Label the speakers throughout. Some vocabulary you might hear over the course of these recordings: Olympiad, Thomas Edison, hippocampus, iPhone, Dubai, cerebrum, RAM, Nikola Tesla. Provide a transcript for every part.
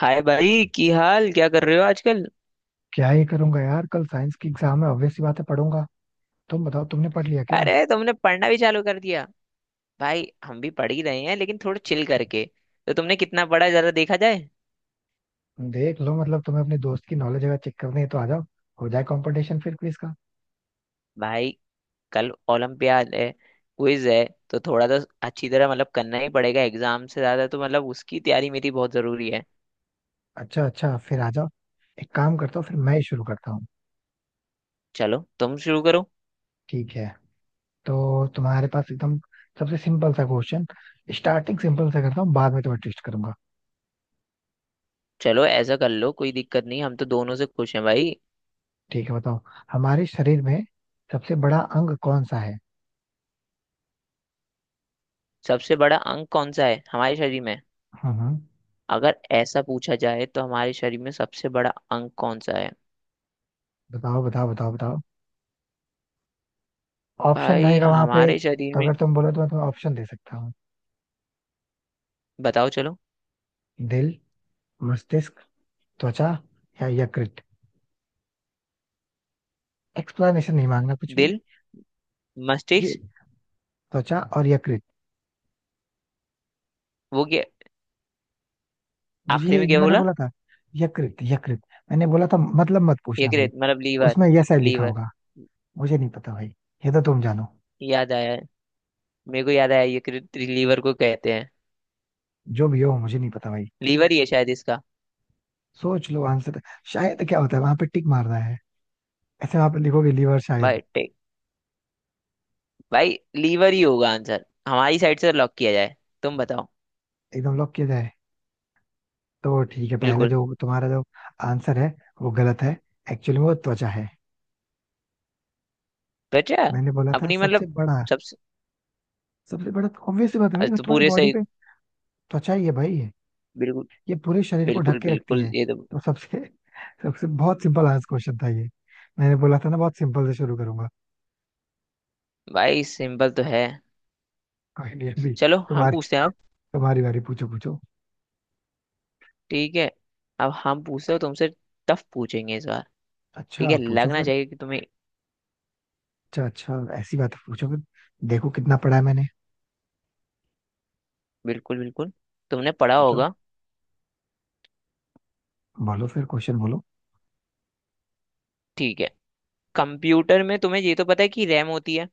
Speaker 1: हाय भाई की हाल क्या कर रहे हो आजकल?
Speaker 2: क्या ही करूंगा यार, कल साइंस की एग्जाम है, ऑब्वियस सी बात है, पढ़ूंगा। तुम बताओ, तुमने पढ़ लिया क्या।
Speaker 1: अरे तुमने पढ़ना भी चालू कर दिया? भाई हम भी पढ़ ही रहे हैं, लेकिन थोड़ा चिल करके। तो तुमने कितना पढ़ा, जरा देखा जाए।
Speaker 2: देख लो, मतलब तुम्हें अपने दोस्त की नॉलेज अगर चेक करनी है तो आ जाओ। हो जाए कंपटीशन फिर क्विज का।
Speaker 1: भाई कल ओलंपियाड है, क्विज है, तो थोड़ा तो अच्छी तरह मतलब करना ही पड़ेगा, एग्जाम से ज्यादा तो मतलब उसकी तैयारी मेरी बहुत जरूरी है।
Speaker 2: अच्छा अच्छा, फिर आ जाओ। एक काम करता हूँ, फिर मैं ही शुरू करता हूँ।
Speaker 1: चलो तुम शुरू करो।
Speaker 2: ठीक है। तो तुम्हारे पास एकदम सबसे सिंपल सा क्वेश्चन। स्टार्टिंग सिंपल सा करता हूँ, बाद में तुम्हें ट्विस्ट करूंगा।
Speaker 1: चलो ऐसा कर लो, कोई दिक्कत नहीं, हम तो दोनों से खुश हैं भाई।
Speaker 2: ठीक है, बताओ। हमारे शरीर में सबसे बड़ा अंग कौन सा है।
Speaker 1: सबसे बड़ा अंग कौन सा है हमारे शरीर में?
Speaker 2: हम्म।
Speaker 1: अगर ऐसा पूछा जाए तो हमारे शरीर में सबसे बड़ा अंग कौन सा है?
Speaker 2: बताओ बताओ बताओ बताओ। ऑप्शन
Speaker 1: भाई
Speaker 2: रहेगा वहां पे,
Speaker 1: हमारे शरीर
Speaker 2: तो
Speaker 1: में,
Speaker 2: अगर तुम बोलो तो मैं तुम्हें ऑप्शन दे सकता हूँ।
Speaker 1: बताओ चलो।
Speaker 2: दिल, मस्तिष्क, त्वचा या यकृत। एक्सप्लेनेशन नहीं मांगना कुछ भी।
Speaker 1: दिल,
Speaker 2: ये,
Speaker 1: मस्तिष्क।
Speaker 2: त्वचा और यकृत।
Speaker 1: वो क्या?
Speaker 2: मुझे
Speaker 1: आखिरी
Speaker 2: ये
Speaker 1: में
Speaker 2: ये
Speaker 1: क्या
Speaker 2: मैंने
Speaker 1: बोला?
Speaker 2: बोला था। यकृत यकृत मैंने बोला था, मतलब मत पूछना भाई।
Speaker 1: यकृत मतलब लीवर?
Speaker 2: उसमें यस आई लिखा
Speaker 1: लीवर।
Speaker 2: होगा। मुझे नहीं पता भाई, ये तो तुम जानो।
Speaker 1: याद आया, मेरे को याद आया, यकृत लीवर को कहते हैं।
Speaker 2: जो भी हो, मुझे नहीं पता भाई।
Speaker 1: लीवर ही है शायद इसका।
Speaker 2: सोच लो आंसर। शायद क्या होता है, वहां पे टिक मारना है। ऐसे वहां पे लिखोगे, लीवर शायद।
Speaker 1: भाई टेक, भाई लीवर ही होगा आंसर, हमारी साइड से लॉक किया जाए। तुम बताओ।
Speaker 2: एकदम लॉक किया जाए। तो ठीक है, पहले
Speaker 1: बिल्कुल।
Speaker 2: जो तुम्हारा जो आंसर है वो गलत है। एक्चुअली वो त्वचा है।
Speaker 1: तो अच्छा।
Speaker 2: मैंने बोला था
Speaker 1: अपनी
Speaker 2: सबसे
Speaker 1: मतलब,
Speaker 2: बड़ा।
Speaker 1: सबसे।
Speaker 2: सबसे बड़ा, ऑब्वियस बात है भाई,
Speaker 1: आज
Speaker 2: वो
Speaker 1: तो
Speaker 2: तुम्हारी
Speaker 1: पूरे
Speaker 2: बॉडी
Speaker 1: सही।
Speaker 2: पे त्वचा ही है भाई। ये
Speaker 1: बिल्कुल।
Speaker 2: ये पूरे शरीर को ढक
Speaker 1: बिल्कुल
Speaker 2: के रखती
Speaker 1: बिल्कुल,
Speaker 2: है।
Speaker 1: ये तो।
Speaker 2: तो सबसे सबसे बहुत सिंपल आज क्वेश्चन था ये। मैंने बोला था ना, बहुत सिंपल से शुरू करूंगा।
Speaker 1: भाई सिंपल तो है।
Speaker 2: कोई नहीं, अभी
Speaker 1: चलो हम
Speaker 2: तुम्हारी
Speaker 1: पूछते हैं अब।
Speaker 2: तुम्हारी बारी, पूछो पूछो।
Speaker 1: ठीक है, अब हम पूछते हो तुमसे, टफ पूछेंगे इस बार। ठीक
Speaker 2: अच्छा
Speaker 1: है,
Speaker 2: पूछो
Speaker 1: लगना
Speaker 2: फिर।
Speaker 1: चाहिए कि तुम्हें।
Speaker 2: अच्छा अच्छा, ऐसी बात है, पूछो फिर। देखो कितना पढ़ा है मैंने।
Speaker 1: बिल्कुल बिल्कुल, तुमने पढ़ा
Speaker 2: पूछो,
Speaker 1: होगा।
Speaker 2: बोलो फिर क्वेश्चन बोलो।
Speaker 1: ठीक है, कंप्यूटर में तुम्हें ये तो पता है कि रैम होती है।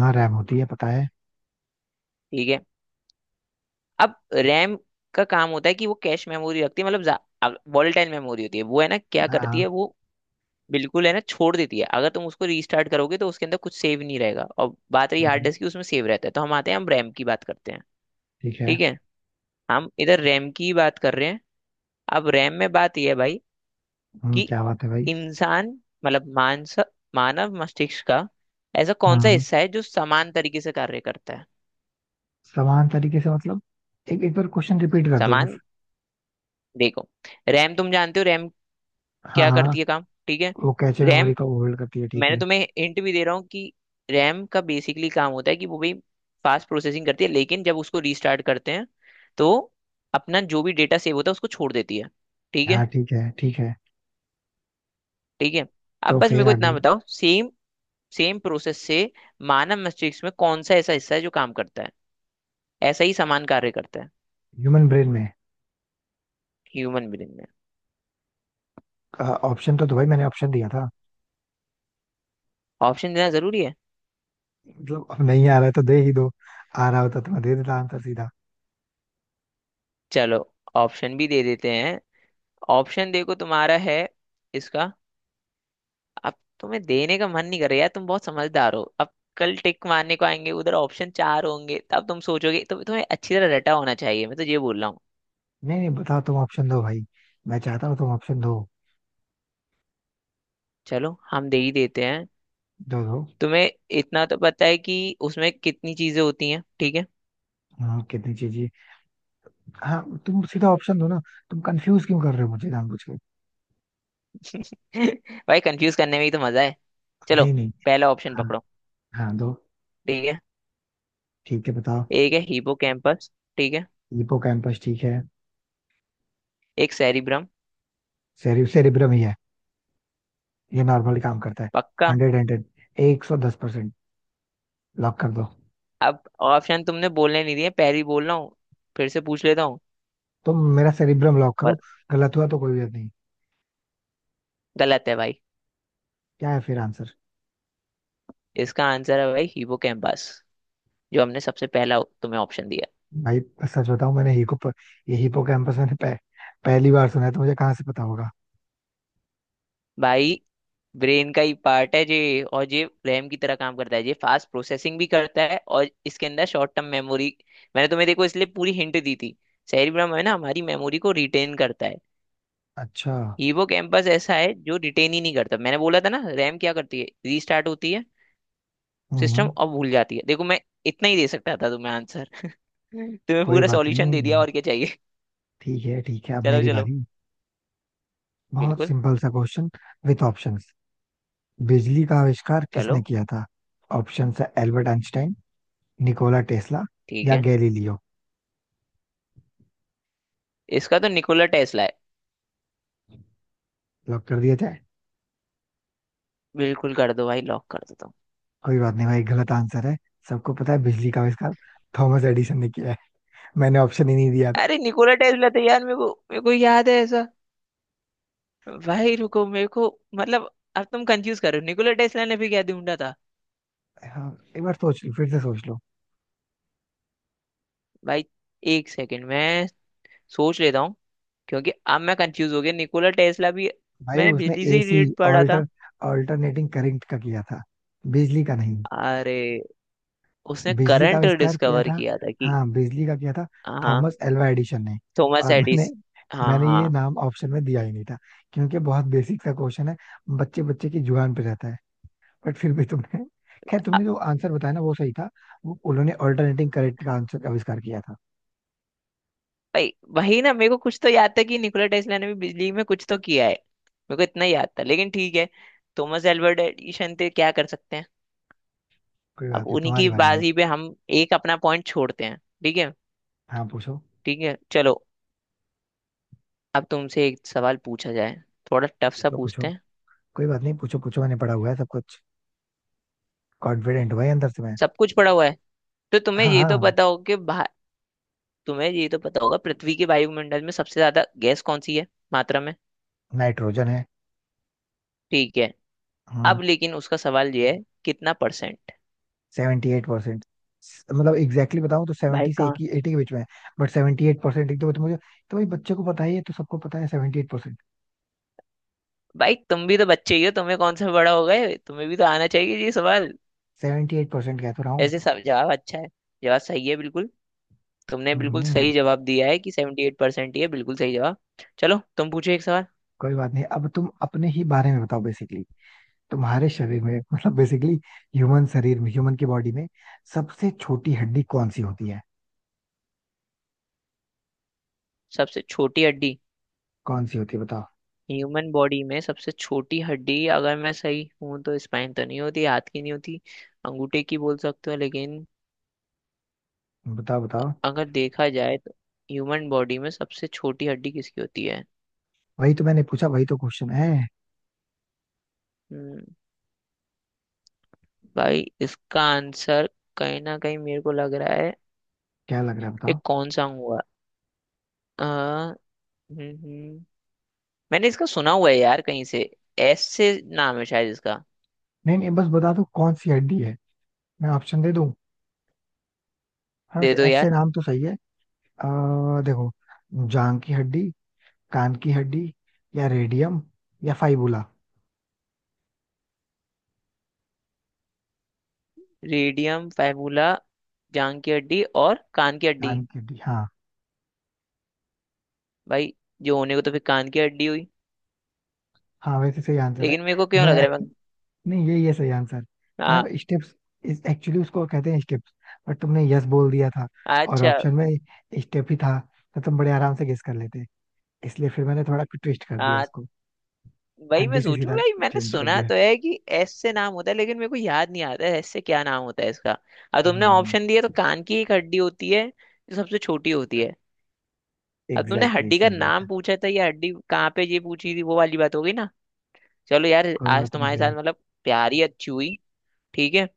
Speaker 2: हाँ, रैम होती है पता है।
Speaker 1: ठीक है। अब रैम का काम होता है कि वो कैश मेमोरी रखती है, मतलब वॉलेटाइल मेमोरी होती है वो, है ना? क्या करती
Speaker 2: हाँ
Speaker 1: है वो। बिल्कुल है ना, छोड़ देती है। अगर तुम उसको रीस्टार्ट करोगे तो उसके अंदर कुछ सेव नहीं रहेगा, और बात रही हार्ड
Speaker 2: हाँ,
Speaker 1: डिस्क की, उसमें सेव रहता है। तो हम आते हैं, हम रैम की बात करते हैं।
Speaker 2: ठीक है।
Speaker 1: ठीक है, हम इधर रैम की बात कर रहे हैं। अब रैम में बात यह है भाई, कि
Speaker 2: क्या बात है भाई।
Speaker 1: इंसान, मतलब मानस मानव मस्तिष्क का ऐसा कौन सा
Speaker 2: हाँ।
Speaker 1: हिस्सा है जो समान तरीके से कार्य करता है?
Speaker 2: समान तरीके से मतलब, एक एक बार क्वेश्चन रिपीट कर दो बस।
Speaker 1: समान, देखो, रैम तुम जानते हो, रैम
Speaker 2: हाँ
Speaker 1: क्या
Speaker 2: हाँ,
Speaker 1: करती है काम, ठीक है।
Speaker 2: वो कैचे
Speaker 1: रैम,
Speaker 2: मेमोरी को होल्ड करती है, ठीक
Speaker 1: मैंने
Speaker 2: है।
Speaker 1: तुम्हें हिंट भी दे रहा हूँ कि रैम का बेसिकली काम होता है कि वो भी फास्ट प्रोसेसिंग करती है, लेकिन जब उसको रीस्टार्ट करते हैं तो अपना जो भी डेटा सेव होता है उसको छोड़ देती है। ठीक है।
Speaker 2: हाँ ठीक है ठीक है,
Speaker 1: ठीक है, अब
Speaker 2: तो
Speaker 1: बस मेरे
Speaker 2: फिर
Speaker 1: को इतना
Speaker 2: आगे।
Speaker 1: बताओ, सेम सेम प्रोसेस से मानव मस्तिष्क में कौन सा ऐसा हिस्सा है जो काम करता है, ऐसा ही समान कार्य करता है?
Speaker 2: ह्यूमन ब्रेन में।
Speaker 1: ह्यूमन ब्रेन में।
Speaker 2: ऑप्शन तो दो भाई, मैंने ऑप्शन दिया था।
Speaker 1: ऑप्शन देना जरूरी है।
Speaker 2: मतलब अब नहीं आ रहा है तो दे ही दो। आ रहा होता तो मैं दे देता आंसर सीधा।
Speaker 1: चलो ऑप्शन भी दे देते हैं। ऑप्शन देखो, तुम्हारा है इसका। अब तुम्हें देने का मन नहीं कर रहा यार, तुम बहुत समझदार हो अब। कल टिक मारने को आएंगे, उधर ऑप्शन चार होंगे, तब तुम सोचोगे, तो तुम्हें अच्छी तरह रटा होना चाहिए, मैं तो ये बोल रहा हूँ।
Speaker 2: नहीं नहीं, बताओ तुम ऑप्शन दो भाई। मैं चाहता हूँ तुम ऑप्शन दो।
Speaker 1: चलो हम दे ही देते हैं।
Speaker 2: दो दो।
Speaker 1: तुम्हें इतना तो पता है कि उसमें कितनी चीजें होती हैं, ठीक है।
Speaker 2: हाँ, कितनी चीजें। हाँ तुम सीधा ऑप्शन दो ना। तुम कंफ्यूज क्यों कर रहे हो मुझे जानबूझ के।
Speaker 1: भाई, कंफ्यूज करने में ही तो मजा है। चलो,
Speaker 2: नहीं नहीं।
Speaker 1: पहला ऑप्शन
Speaker 2: हाँ
Speaker 1: पकड़ो।
Speaker 2: हाँ, दो।
Speaker 1: ठीक है,
Speaker 2: ठीक है, बताओ।
Speaker 1: एक है हिपोकैम्पस, ठीक है।
Speaker 2: हिपोकैम्पस ठीक है।
Speaker 1: एक सेरिब्रम।
Speaker 2: सेरिब्रम ही है। ये नॉर्मली काम करता है।
Speaker 1: पक्का।
Speaker 2: Hundred hundred. 110%। लॉक कर दो।
Speaker 1: अब ऑप्शन तुमने बोलने नहीं दिए, पहले ही बोल रहा हूँ। फिर से पूछ लेता हूँ।
Speaker 2: तुम मेरा सेरिब्रम लॉक
Speaker 1: बस,
Speaker 2: करो। गलत हुआ तो कोई बात नहीं।
Speaker 1: गलत है भाई।
Speaker 2: क्या है फिर आंसर।
Speaker 1: इसका आंसर है भाई हिपोकैम्पस, जो हमने सबसे पहला तुम्हें ऑप्शन दिया।
Speaker 2: भाई सच बताऊं, मैंने हिपो ये हिपो कैंपस मैंने पहली बार सुना है, तो मुझे कहाँ से पता होगा।
Speaker 1: भाई ब्रेन का ही पार्ट है ये, और ये रैम की तरह काम करता है, ये फास्ट प्रोसेसिंग भी करता है, और इसके अंदर शॉर्ट टर्म मेमोरी। मैंने तुम्हें देखो इसलिए पूरी हिंट दी थी। सेरिब्रम है ना, हमारी मेमोरी को रिटेन करता है।
Speaker 2: अच्छा।
Speaker 1: हिपोकैम्पस ऐसा है जो रिटेन ही नहीं करता। मैंने बोला था ना, रैम क्या करती है, रीस्टार्ट होती है सिस्टम,
Speaker 2: हम्म।
Speaker 1: अब भूल जाती है। देखो, मैं इतना ही दे सकता था तुम्हें आंसर। तुम्हें
Speaker 2: कोई
Speaker 1: पूरा
Speaker 2: बात
Speaker 1: सॉल्यूशन
Speaker 2: नहीं,
Speaker 1: दे दिया, और क्या चाहिए?
Speaker 2: ठीक है ठीक है, अब
Speaker 1: चलो
Speaker 2: मेरी
Speaker 1: चलो।
Speaker 2: बारी। बहुत
Speaker 1: बिल्कुल।
Speaker 2: सिंपल सा क्वेश्चन विथ ऑप्शंस। बिजली का आविष्कार किसने
Speaker 1: चलो
Speaker 2: किया था। ऑप्शन है एल्बर्ट आइंस्टाइन, निकोला टेस्ला
Speaker 1: ठीक
Speaker 2: या
Speaker 1: है।
Speaker 2: गैलीलियो।
Speaker 1: इसका तो निकोला टेस्ला है।
Speaker 2: लॉक कर दिया जाए।
Speaker 1: बिल्कुल कर दो भाई, लॉक कर दो तुम।
Speaker 2: कोई बात नहीं भाई, गलत आंसर है। सबको पता है बिजली का आविष्कार थॉमस एडिसन ने किया है। मैंने ऑप्शन ही नहीं दिया था।
Speaker 1: अरे निकोला टेस्ला तो यार, मेरे को याद है ऐसा। भाई रुको, मेरे को, मतलब, अब तुम कंफ्यूज कर रहे हो। निकोला टेस्ला ने भी क्या ढूंढा था?
Speaker 2: हाँ, एक बार सोच लो, फिर से सोच लो।
Speaker 1: भाई, एक सेकंड मैं सोच लेता हूँ, क्योंकि अब मैं कंफ्यूज हो गया, निकोला टेस्ला भी।
Speaker 2: भाई
Speaker 1: मैंने
Speaker 2: उसने
Speaker 1: बिजली से ही
Speaker 2: एसी,
Speaker 1: रिलेटेड पढ़ा था।
Speaker 2: ऑल्टर ऑल्टरनेटिंग करंट का किया था, बिजली का नहीं।
Speaker 1: अरे, उसने
Speaker 2: बिजली का
Speaker 1: करंट
Speaker 2: आविष्कार किया
Speaker 1: डिस्कवर
Speaker 2: था।
Speaker 1: किया था कि,
Speaker 2: हाँ, बिजली का किया था
Speaker 1: हाँ हाँ,
Speaker 2: थॉमस एल्वा एडिसन ने।
Speaker 1: थॉमस
Speaker 2: और मैंने
Speaker 1: एडिस, हाँ
Speaker 2: मैंने
Speaker 1: हाँ,
Speaker 2: ये नाम ऑप्शन में दिया ही नहीं था, क्योंकि बहुत बेसिक सा क्वेश्चन है। बच्चे बच्चे की जुबान पे रहता है। बट फिर भी तुमने खैर,
Speaker 1: अ-
Speaker 2: तुमने जो आंसर बताया ना वो सही था। वो उन्होंने ऑल्टरनेटिंग करंट का आंसर आविष्कार किया था।
Speaker 1: भाई वही ना, मेरे को कुछ तो याद था कि निकोला टेस्ला ने भी बिजली में कुछ तो किया है, मेरे को इतना याद था, लेकिन ठीक है। थॉमस एल्वर्ट एडिशन थे, क्या कर सकते हैं।
Speaker 2: कोई
Speaker 1: अब
Speaker 2: बात नहीं,
Speaker 1: उन्हीं
Speaker 2: तुम्हारी
Speaker 1: की
Speaker 2: बारी भाई।
Speaker 1: बाजी पे हम एक अपना पॉइंट छोड़ते हैं। ठीक है।
Speaker 2: हाँ पूछो
Speaker 1: ठीक है चलो, अब तुमसे एक सवाल पूछा जाए, थोड़ा टफ सा
Speaker 2: पूछो पूछो।
Speaker 1: पूछते हैं।
Speaker 2: कोई बात नहीं, पूछो पूछो, मैंने पढ़ा हुआ है सब कुछ। कॉन्फिडेंट हुआ है अंदर से मैं।
Speaker 1: सब कुछ पड़ा हुआ है, तो तुम्हें
Speaker 2: हाँ
Speaker 1: ये तो
Speaker 2: हाँ।
Speaker 1: पता होगा कि तुम्हें ये तो पता होगा, पृथ्वी के वायुमंडल में सबसे ज्यादा गैस कौन सी है मात्रा में?
Speaker 2: नाइट्रोजन है।
Speaker 1: ठीक है,
Speaker 2: हाँ।
Speaker 1: अब लेकिन उसका सवाल ये है, कितना परसेंट?
Speaker 2: 78%। मतलब एग्जैक्टली exactly बताऊं तो
Speaker 1: भाई
Speaker 2: सेवेंटी से
Speaker 1: कहाँ?
Speaker 2: एटी के बीच में है। बट 78%, एक तो मुझे तो भाई, बच्चे को पता ही है, तो सबको पता है, 78%।
Speaker 1: भाई तुम भी तो बच्चे ही हो, तुम्हें कौन सा बड़ा हो गए, तुम्हें भी तो आना चाहिए ये सवाल।
Speaker 2: 78% कह तो रहा हूँ।
Speaker 1: ऐसे सब जवाब अच्छा है, जवाब सही है बिल्कुल। तुमने बिल्कुल
Speaker 2: हम्म।
Speaker 1: सही जवाब दिया है कि 78% ही है, बिल्कुल सही जवाब। चलो तुम पूछो एक सवाल।
Speaker 2: कोई बात नहीं, अब तुम अपने ही बारे में बताओ बेसिकली। तुम्हारे शरीर में मतलब बेसिकली, ह्यूमन शरीर में, ह्यूमन की बॉडी में सबसे छोटी हड्डी कौन सी होती है।
Speaker 1: सबसे छोटी हड्डी।
Speaker 2: कौन सी होती है बताओ।
Speaker 1: ह्यूमन बॉडी में सबसे छोटी हड्डी, अगर मैं सही हूं तो स्पाइन तो नहीं होती, हाथ की नहीं होती, अंगूठे की बोल सकते हो, लेकिन
Speaker 2: बताओ बताओ।
Speaker 1: अगर देखा जाए तो ह्यूमन बॉडी में सबसे छोटी हड्डी किसकी होती है?
Speaker 2: वही तो मैंने पूछा, वही तो क्वेश्चन है।
Speaker 1: हम्म, भाई इसका आंसर कहीं ना कहीं मेरे को लग रहा है।
Speaker 2: क्या लग रहा है
Speaker 1: ये
Speaker 2: बताओ।
Speaker 1: कौन सा हुआ? आ, हम्म। हम्म, मैंने इसका सुना हुआ है यार कहीं से, एस से नाम है शायद इसका।
Speaker 2: नहीं नहीं, बस बता दो कौन सी हड्डी है। मैं ऑप्शन दे दूं। हाँ
Speaker 1: दे
Speaker 2: वैसे,
Speaker 1: दो
Speaker 2: ऐसे
Speaker 1: यार।
Speaker 2: नाम तो सही है। देखो। जांग की हड्डी, कान की हड्डी, या रेडियम या फाइबुला।
Speaker 1: रेडियम फैबुला, जांग की हड्डी और कान की हड्डी।
Speaker 2: कान की हड्डी हाँ।
Speaker 1: भाई, जो होने को तो फिर कान की हड्डी हुई,
Speaker 2: हाँ, वैसे सही आंसर है।
Speaker 1: लेकिन मेरे को क्यों
Speaker 2: मैं
Speaker 1: लग रहा है, मैं।
Speaker 2: नहीं, यही है सही आंसर। मैं
Speaker 1: हाँ।
Speaker 2: स्टेप्स, इस एक्चुअली उसको कहते हैं स्टेप्स। बट तुमने यस बोल दिया था, और
Speaker 1: अच्छा।
Speaker 2: ऑप्शन में स्टेप ही था, तो तुम बड़े आराम से गेस कर लेते। इसलिए फिर मैंने थोड़ा ट्विस्ट कर दिया
Speaker 1: हाँ,
Speaker 2: उसको,
Speaker 1: वही
Speaker 2: हड्डी
Speaker 1: मैं
Speaker 2: से
Speaker 1: सोचूं
Speaker 2: सीधा
Speaker 1: भाई, मैंने
Speaker 2: चेंज कर
Speaker 1: सुना
Speaker 2: दिया।
Speaker 1: तो है कि एस से नाम होता है, लेकिन मेरे को याद नहीं आता है एस से क्या नाम होता है इसका। अब तुमने
Speaker 2: हम्म।
Speaker 1: ऑप्शन दिया तो कान की एक हड्डी होती है जो सबसे छोटी होती है। अब तुमने
Speaker 2: एग्जैक्टली
Speaker 1: हड्डी
Speaker 2: exactly,
Speaker 1: का
Speaker 2: सही बात है।
Speaker 1: नाम पूछा था या हड्डी कहाँ पे ये पूछी थी, वो वाली बात हो गई ना। चलो यार।
Speaker 2: कोई
Speaker 1: आज
Speaker 2: बात नहीं
Speaker 1: तुम्हारे
Speaker 2: भाई।
Speaker 1: साथ मतलब प्यारी अच्छी हुई। ठीक है।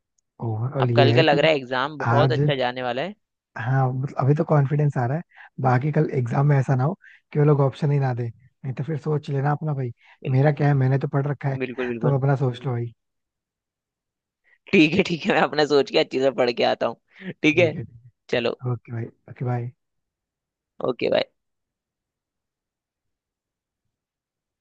Speaker 1: अब
Speaker 2: ओवरऑल ये
Speaker 1: कल का
Speaker 2: है कि
Speaker 1: लग रहा है, एग्जाम बहुत
Speaker 2: आज।
Speaker 1: अच्छा जाने वाला है।
Speaker 2: हाँ मतलब अभी तो कॉन्फिडेंस आ रहा है। बाकी कल एग्जाम में ऐसा ना हो कि वो लोग ऑप्शन ही ना दे, नहीं तो फिर सोच लेना अपना भाई।
Speaker 1: बिल,
Speaker 2: मेरा क्या है, मैंने तो पढ़ रखा है।
Speaker 1: बिल्कुल
Speaker 2: तुम
Speaker 1: बिल्कुल।
Speaker 2: अपना सोच लो भाई।
Speaker 1: ठीक है ठीक है, मैं अपना सोच के अच्छे से पढ़ के आता हूँ। ठीक
Speaker 2: ठीक
Speaker 1: है।
Speaker 2: है।
Speaker 1: चलो।
Speaker 2: ओके भाई। ओके भाई।
Speaker 1: ओके।